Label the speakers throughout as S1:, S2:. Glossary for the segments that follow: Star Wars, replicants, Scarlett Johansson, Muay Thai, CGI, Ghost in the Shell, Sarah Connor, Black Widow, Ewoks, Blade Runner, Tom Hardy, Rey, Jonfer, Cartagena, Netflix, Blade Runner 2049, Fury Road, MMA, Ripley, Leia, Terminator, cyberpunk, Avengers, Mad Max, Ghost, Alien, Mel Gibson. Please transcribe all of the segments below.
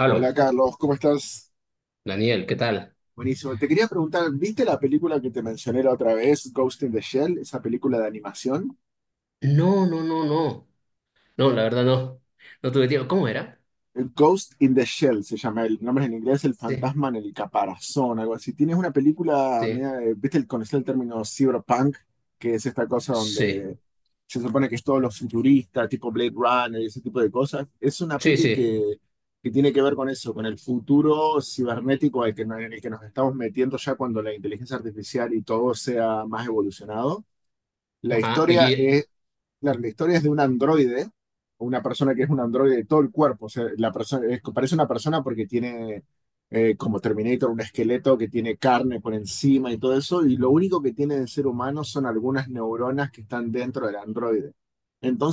S1: Hola Carlos, ¿cómo estás?
S2: Daniel, ¿qué tal?
S1: Buenísimo. Te quería preguntar, ¿viste la película que te mencioné la otra vez, Ghost in the Shell, esa película de animación?
S2: No, no, no, no. No, la verdad no. No tuve tiempo. ¿Cómo era?
S1: Ghost in the Shell se llama el nombre en inglés, el
S2: Sí,
S1: fantasma en el caparazón, algo así. Tienes una película,
S2: sí.
S1: ¿viste? ¿Conocer el término cyberpunk? Que es esta cosa
S2: Sí,
S1: donde se supone que es todos los futuristas, tipo Blade Runner y ese tipo de cosas. Es una
S2: sí,
S1: peli
S2: sí.
S1: que tiene que ver con eso, con el futuro cibernético al que, no- en el que nos estamos metiendo ya cuando la inteligencia artificial y todo sea más evolucionado. La
S2: Ajá.
S1: historia
S2: Oye,
S1: es Claro, la historia es de un androide, una persona que es un androide de todo el cuerpo. O sea, parece una persona porque tiene, como Terminator, un esqueleto que tiene carne por encima y todo eso. Y lo único que tiene de ser humano son algunas neuronas que están dentro del androide.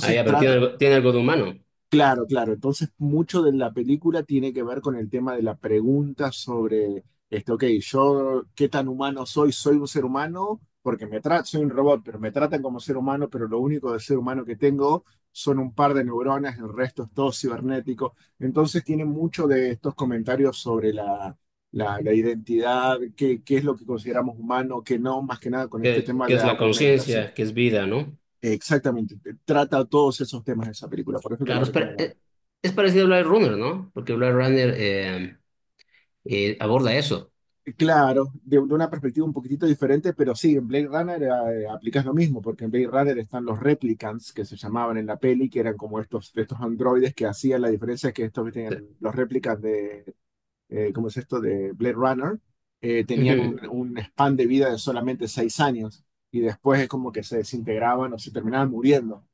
S2: ya, pero
S1: trata,
S2: tiene algo de humano,
S1: Claro, claro. Entonces, mucho de la película tiene que ver con el tema de la pregunta sobre, ok, yo, ¿qué tan humano soy? Soy un ser humano porque me tratan, soy un robot, pero me tratan como ser humano, pero lo único de ser humano que tengo son un par de neuronas, el resto es todo cibernético. Entonces, tiene mucho de estos comentarios sobre la identidad, qué es lo que consideramos humano, qué no, más que nada con este tema
S2: que
S1: de
S2: es la
S1: argumentación.
S2: conciencia, que es vida, ¿no?
S1: Exactamente, trata todos esos temas de esa película, por eso te la
S2: Claro,
S1: recomiendo.
S2: es parecido a Blade Runner, ¿no? Porque Blade Runner aborda eso.
S1: Claro, de una perspectiva un poquitito diferente, pero sí, en Blade Runner aplicas lo mismo, porque en Blade Runner están los replicants que se llamaban en la peli, que eran como estos androides que hacían la diferencia, es que estos que tenían los replicants de, ¿cómo es esto?, de Blade Runner, tenían
S2: Sí.
S1: un span de vida de solamente 6 años y después es como que se desintegraban o se terminaban muriendo.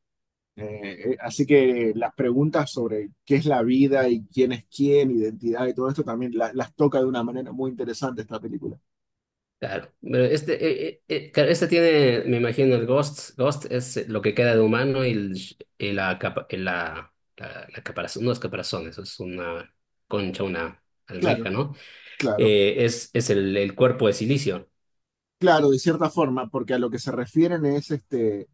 S1: Así que las preguntas sobre qué es la vida y quién es quién, identidad y todo esto también las toca de una manera muy interesante esta película.
S2: Claro, pero claro, este tiene, me imagino, el Ghost. Ghost es lo que queda de humano y, el- y la, capa- y la caparazón, no es caparazón, eso es una concha, una
S1: Claro,
S2: almeja, ¿no?
S1: claro,
S2: Es el cuerpo de silicio,
S1: claro, de cierta forma, porque a lo que se refieren es este,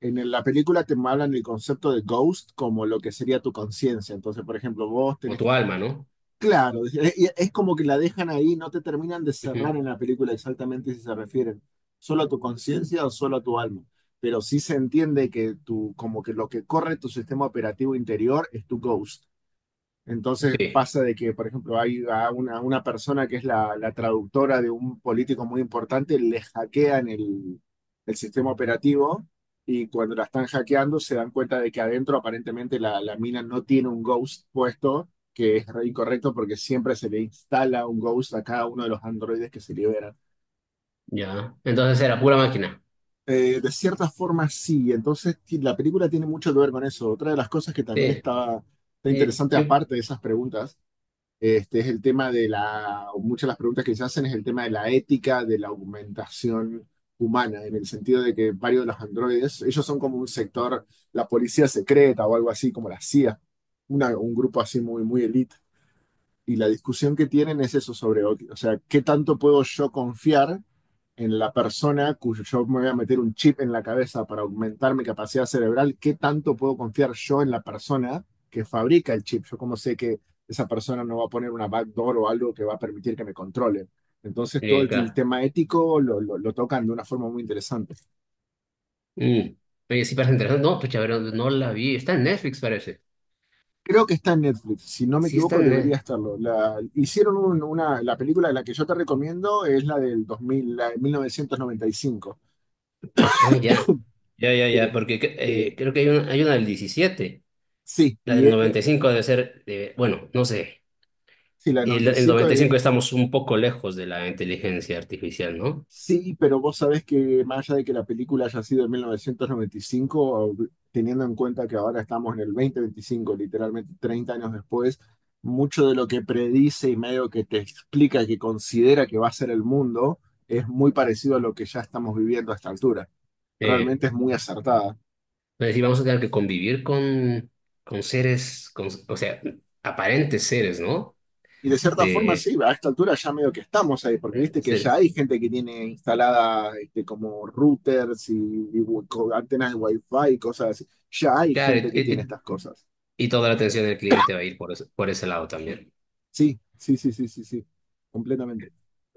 S1: la película te hablan del concepto de ghost como lo que sería tu conciencia. Entonces, por ejemplo, vos
S2: o
S1: tenés,
S2: tu alma, ¿no?
S1: claro, es como que la dejan ahí, no te terminan de
S2: Ujú.
S1: cerrar en la película exactamente si se refieren solo a tu conciencia o solo a tu alma. Pero sí se entiende que tu, como que lo que corre tu sistema operativo interior es tu ghost. Entonces
S2: Sí,
S1: pasa de que, por ejemplo, hay a una persona que es la traductora de un político muy importante, le hackean el sistema operativo y cuando la están hackeando se dan cuenta de que adentro aparentemente la mina no tiene un ghost puesto, que es re incorrecto porque siempre se le instala un ghost a cada uno de los androides que se liberan.
S2: ya. Entonces era pura máquina.
S1: De cierta forma sí, entonces la película tiene mucho que ver con eso. Otra de las cosas que también
S2: Sí,
S1: está
S2: y,
S1: interesante
S2: y-
S1: aparte de esas preguntas. Es el tema de la, muchas de las preguntas que se hacen es el tema de la ética de la augmentación humana, en el sentido de que varios de los androides, ellos son como un sector, la policía secreta o algo así, como la CIA, un grupo así muy, muy elite. Y la discusión que tienen es eso sobre, ok, o sea, ¿qué tanto puedo yo confiar en la persona cuyo yo me voy a meter un chip en la cabeza para aumentar mi capacidad cerebral? ¿Qué tanto puedo confiar yo en la persona que fabrica el chip? Yo como sé que esa persona no va a poner una backdoor o algo que va a permitir que me controle. Entonces todo
S2: sí,
S1: el
S2: claro.
S1: tema ético tocan de una forma muy interesante.
S2: Mm. Oye, sí parece interesante. No, pues pero no la vi. Está en Netflix, parece.
S1: Creo que está en Netflix, si no me
S2: Sí, está
S1: equivoco
S2: en
S1: debería
S2: Netflix.
S1: estarlo. Hicieron la película de la que yo te recomiendo es la del 2000, la de 1995.
S2: Ah, ya. Ya, ya,
S1: que,
S2: ya, porque
S1: que,
S2: creo que hay una del diecisiete.
S1: sí,
S2: La
S1: y
S2: del
S1: es,
S2: 95 debe ser, bueno, no sé.
S1: sí, la
S2: El
S1: 95
S2: noventa y
S1: es.
S2: cinco estamos un poco lejos de la inteligencia artificial, ¿no?
S1: Sí, pero vos sabés que más allá de que la película haya sido en 1995, teniendo en cuenta que ahora estamos en el 2025, literalmente 30 años después, mucho de lo que predice y medio que te explica que considera que va a ser el mundo es muy parecido a lo que ya estamos viviendo a esta altura.
S2: Eh,
S1: Realmente es muy acertada.
S2: pero sí, vamos a tener que convivir con seres, o sea, aparentes seres, ¿no?
S1: Y de cierta forma,
S2: De,
S1: sí, a esta altura ya medio que estamos ahí, porque viste
S2: aparentes
S1: que ya
S2: seres.
S1: hay gente que tiene instalada este, como routers y antenas de Wi-Fi y cosas así. Ya hay
S2: Claro,
S1: gente que tiene estas cosas.
S2: y toda la atención del cliente va a ir por ese lado también.
S1: Sí, sí, sí, sí, sí, sí. Completamente,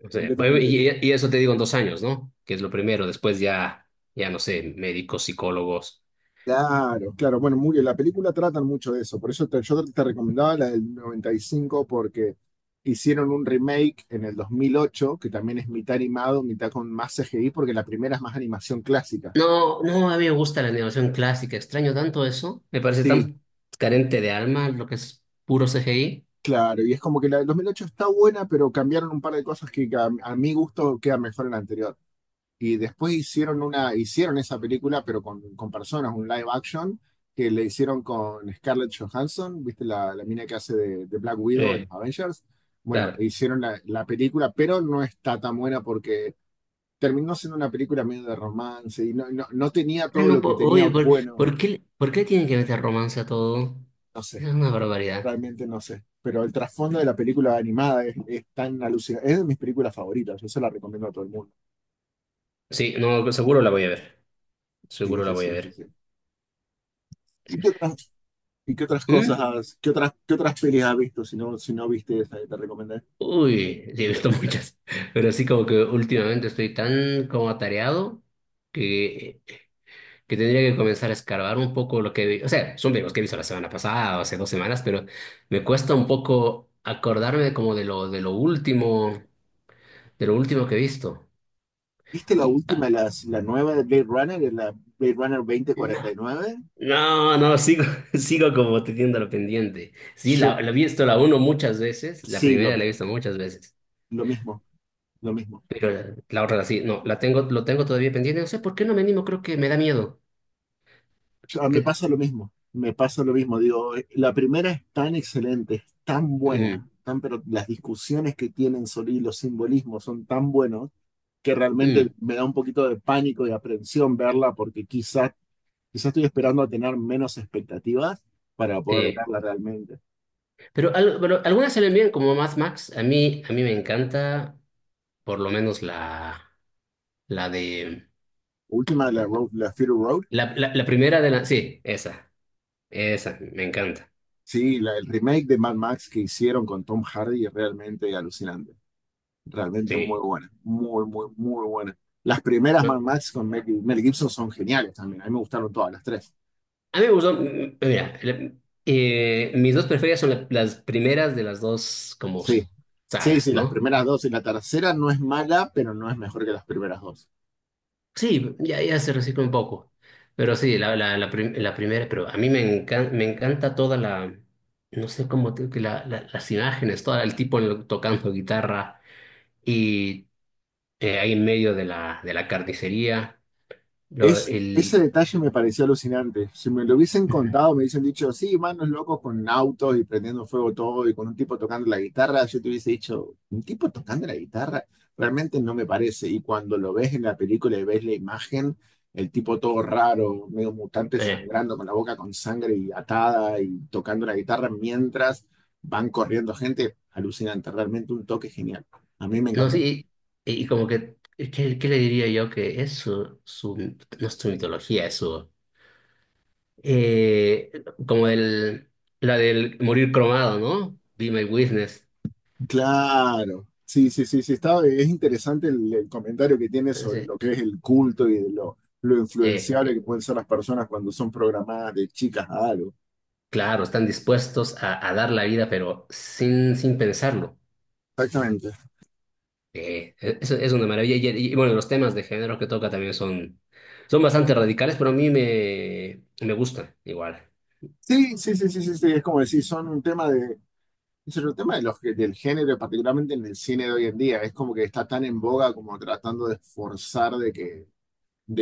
S2: O sea, pues,
S1: completamente.
S2: y eso te digo en dos años, ¿no? Que es lo primero. Después ya, ya no sé, médicos, psicólogos.
S1: Claro, claro. Bueno, muy bien. La película tratan mucho de eso. Yo te recomendaba la del 95 porque hicieron un remake en el 2008 que también es mitad animado, mitad con más CGI, porque la primera es más animación clásica.
S2: No, no, a mí me gusta la animación clásica, extraño tanto eso, me parece
S1: Sí,
S2: tan carente de alma lo que es puro CGI.
S1: claro, y es como que la del 2008 está buena, pero cambiaron un par de cosas que a mi gusto queda mejor en la anterior. Y después hicieron hicieron esa película, pero con personas, un live action, que le hicieron con Scarlett Johansson, ¿viste? La mina que hace de Black Widow en
S2: Eh,
S1: los Avengers. Bueno, e
S2: claro.
S1: hicieron la película, pero no está tan buena porque terminó siendo una película medio de romance y no tenía
S2: Ah,
S1: todo
S2: no,
S1: lo que
S2: po-
S1: tenía
S2: oye,
S1: bueno
S2: ¿por qué, por qué tienen que meter romance a todo? Esa es una barbaridad.
S1: realmente no sé. Pero el trasfondo de la película animada es tan alucinante. Es de mis películas favoritas, yo se la recomiendo a todo el mundo.
S2: Sí, no, seguro la voy a ver.
S1: Sí,
S2: Seguro la
S1: sí,
S2: voy a
S1: sí, sí,
S2: ver.
S1: sí. ¿Y qué otras, ¿y qué otras cosas
S2: ¿Mm?
S1: qué otras pelis has visto si no, si no viste esa que te recomendé?
S2: Uy, sí, he visto muchas, pero sí como que últimamente estoy tan como atareado que que tendría que comenzar a escarbar un poco lo que vi. O sea, son videos que he visto la semana pasada o hace dos semanas, pero me cuesta un poco acordarme como de lo último que he visto.
S1: ¿Viste la
S2: Y
S1: última,
S2: ah,
S1: la nueva de Blade Runner, la Blade Runner
S2: no,
S1: 2049?
S2: no, no, sigo, sigo como teniendo lo pendiente. Sí,
S1: Yo
S2: la he visto la uno muchas veces, la
S1: sí,
S2: primera la he visto muchas veces,
S1: lo mismo, lo mismo.
S2: pero la otra sí, no, la tengo, lo tengo todavía pendiente. No sé por qué no me animo, creo que me da miedo.
S1: Ah,
S2: Que,
S1: me
S2: t-
S1: pasa lo mismo, me pasa lo mismo. Digo, la primera es tan excelente, es tan
S2: mm,
S1: buena, tan, pero las discusiones que tienen sobre y los simbolismos son tan buenos que realmente
S2: mm,
S1: me da un poquito de pánico y aprensión verla porque quizás quizás estoy esperando a tener menos expectativas para poder
S2: eh,
S1: verla realmente.
S2: Pero, pero algunas se ven bien, como Mad Max. A mí me encanta, por lo menos la de.
S1: Última de la, Road, la Fury Road,
S2: La, la primera de la. Sí, esa. Esa, me encanta.
S1: sí, el remake de Mad Max que hicieron con Tom Hardy es realmente alucinante. Realmente muy
S2: Sí.
S1: buena, muy, muy, muy buena. Las primeras
S2: No,
S1: Mad Max con Mel Gibson son geniales también. A mí me gustaron todas las tres.
S2: a mí me gustó. Mira, mis dos preferidas son las primeras de las dos, como
S1: Sí, sí,
S2: sagas,
S1: sí, las
S2: ¿no?
S1: primeras dos y la tercera no es mala, pero no es mejor que las primeras dos.
S2: Sí, ya, ya se recicla un poco. Pero sí, la primera, pero a mí me encanta toda la. No sé cómo. Te- que La, las imágenes, todo el tipo tocando guitarra. Y ahí en medio de la carnicería, lo-
S1: Es, ese
S2: el,
S1: detalle me pareció alucinante. Si me lo hubiesen
S2: ujú.
S1: contado, me hubiesen dicho, sí, manos locos con autos y prendiendo fuego todo y con un tipo tocando la guitarra, yo te hubiese dicho, ¿un tipo tocando la guitarra? Realmente no me parece. Y cuando lo ves en la película y ves la imagen, el tipo todo raro, medio mutante,
S2: eh,
S1: sangrando con la boca con sangre y atada y tocando la guitarra mientras van corriendo gente, alucinante. Realmente un toque genial. A mí me
S2: no sé,
S1: encantó.
S2: y como que, ¿qué, qué le diría yo? Que es su, no es su mitología, eh, como el, la del morir cromado, ¿no? Be my witness.
S1: Claro, sí, sí, sí, sí, está, es interesante el comentario que tiene sobre
S2: Entonces,
S1: lo que es el culto y de lo
S2: eh,
S1: influenciable que
S2: eh,
S1: pueden ser las personas cuando son programadas de chicas a algo.
S2: claro, están dispuestos a dar la vida, pero sin, sin pensarlo.
S1: Exactamente.
S2: Sí, es una maravilla. Y, bueno, los temas de género que toca también son, son bastante radicales, pero a mí me, me gusta igual.
S1: Sí, sí, sí, sí, sí, sí, es como decir, son un tema de, es un tema de del género, particularmente en el cine de hoy en día, es como que está tan en boga como tratando de esforzar de que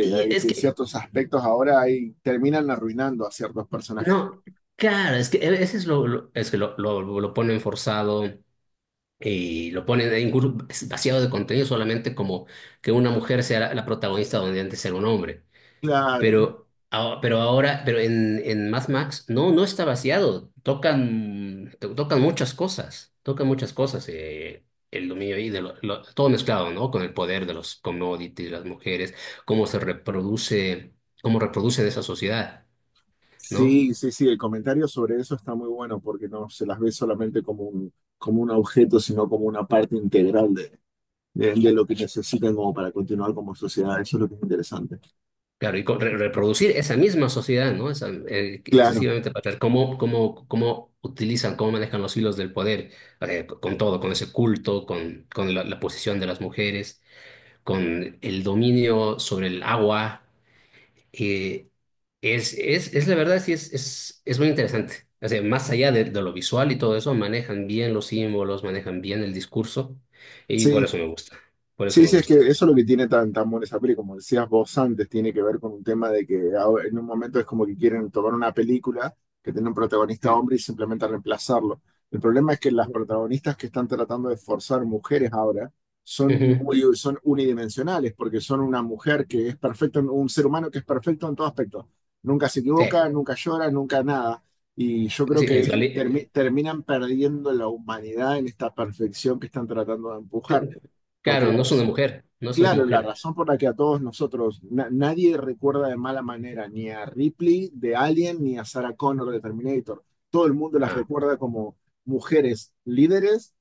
S2: Y es
S1: de
S2: que,
S1: ciertos aspectos ahora ahí terminan arruinando a ciertos personajes.
S2: no, claro, es que a veces es que lo ponen forzado y lo ponen ahí incluso vaciado de contenido solamente como que una mujer sea la, la protagonista donde antes era un hombre.
S1: Claro.
S2: Pero ahora, pero en Mad Max, no, no está vaciado. Tocan muchas cosas, tocan muchas cosas. El dominio ahí, de todo mezclado, ¿no? Con el poder de los commodities, las mujeres, cómo se reproduce, cómo reproducen esa sociedad, ¿no?
S1: Sí, sí, sí, el comentario sobre eso está muy bueno porque no se las ve solamente como un objeto, sino como una parte integral de, de lo que necesitan como para continuar como sociedad. Eso es lo que es interesante.
S2: Claro, y reproducir esa misma sociedad, ¿no? Esa,
S1: Claro,
S2: excesivamente patriarcal, cómo, cómo, cómo utilizan, cómo manejan los hilos del poder, con todo, con ese culto, con la posición de las mujeres, con el dominio sobre el agua. eh, es, es la verdad, sí, es muy interesante. O sea, más allá de lo visual y todo eso, manejan bien los símbolos, manejan bien el discurso y por
S1: sí,
S2: eso me gusta. Por eso
S1: sí,
S2: me
S1: sí, es que
S2: gusta.
S1: eso es lo que tiene tan, tan buena esa peli, como decías vos antes, tiene que ver con un tema de que en un momento es como que quieren tomar una película que tiene un protagonista
S2: Mm.
S1: hombre y simplemente reemplazarlo. El problema es que las protagonistas que están tratando de forzar mujeres ahora son
S2: Ujú.
S1: muy, son unidimensionales, porque son una mujer que es perfecta, un ser humano que es perfecto en todo aspecto. Nunca se
S2: Sí,
S1: equivoca, nunca llora, nunca nada. Y yo creo
S2: sí,
S1: que
S2: es vali- eh,
S1: terminan perdiendo la humanidad en esta perfección que están tratando de empujar porque
S2: Claro,
S1: la,
S2: no es una mujer, no es una
S1: claro, la
S2: mujer.
S1: razón por la que a todos nosotros, nadie recuerda de mala manera ni a Ripley de Alien ni a Sarah Connor de Terminator. Todo el mundo las
S2: Ah,
S1: recuerda como mujeres líderes,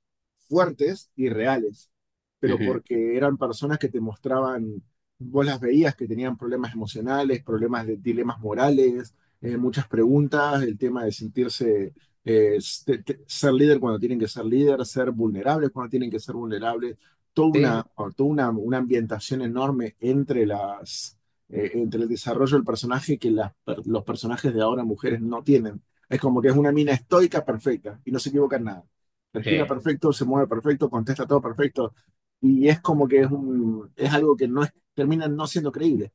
S1: fuertes y reales, pero
S2: ujú.
S1: porque eran personas que te mostraban, vos las veías que tenían problemas emocionales, problemas de dilemas morales, muchas preguntas, el tema de sentirse, ser líder cuando tienen que ser líder, ser vulnerables cuando tienen que ser vulnerables toda
S2: Sí,
S1: una, o toda una ambientación enorme entre entre el desarrollo del personaje que los personajes de ahora mujeres no tienen. Es como que es una mina estoica perfecta y no se equivoca en nada. Respira
S2: sí.
S1: perfecto, se mueve perfecto, contesta todo perfecto. Y es como que es algo que termina no siendo creíble.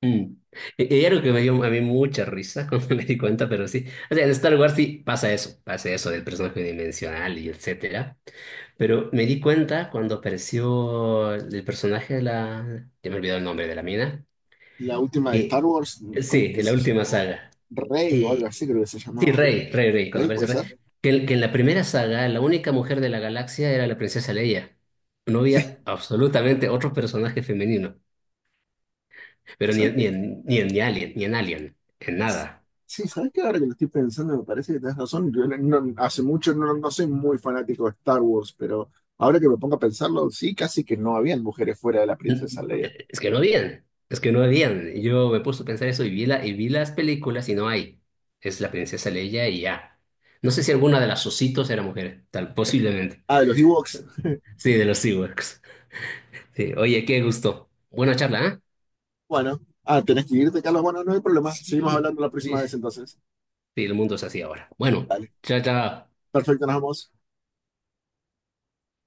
S2: Mm. Y algo que me dio a mí mucha risa cuando me di cuenta, pero sí. O sea, en Star Wars sí pasa eso del personaje dimensional y etcétera. Pero me di cuenta cuando apareció el personaje de la. Ya me olvidó el nombre de la mina.
S1: La última de
S2: Que
S1: Star Wars, ¿cómo es
S2: sí,
S1: que
S2: en la
S1: se
S2: última
S1: llamó?
S2: saga.
S1: Rey o algo
S2: Eh,
S1: así, creo que se
S2: sí,
S1: llamaba.
S2: Rey, Rey, Rey, cuando
S1: Rey,
S2: aparece
S1: ¿puede
S2: Rey.
S1: ser?
S2: Que en la primera saga la única mujer de la galaxia era la princesa Leia. No
S1: Sí,
S2: había absolutamente otro personaje femenino, pero ni, en- ni
S1: sí.
S2: en, ni en ni Alien, ni en Alien, en nada.
S1: Sí, ¿sabes que? Ahora que lo estoy pensando, me parece que tenés razón. Yo no, hace mucho no, no soy muy fanático de Star Wars, pero ahora que me pongo a pensarlo, sí, casi que no habían mujeres fuera de la
S2: Eh,
S1: princesa Leia.
S2: Es que no habían, es que no habían. Y yo me puse a pensar eso y vi las películas y no hay. Es la princesa Leia y ya. No sé si alguna de las ositos era mujer, tal, posiblemente.
S1: Ah, de los Ewoks.
S2: Sí, de los SeaWorks. Sí, oye, qué gusto. Buena charla, ¿eh?
S1: Bueno, ah, tenés que irte, Carlos. Bueno, no hay problema. Seguimos
S2: Sí,
S1: hablando la
S2: sí,
S1: próxima vez
S2: sí,
S1: entonces.
S2: el mundo es así ahora. Bueno,
S1: Dale.
S2: chao, chao.
S1: Perfecto, nos vemos.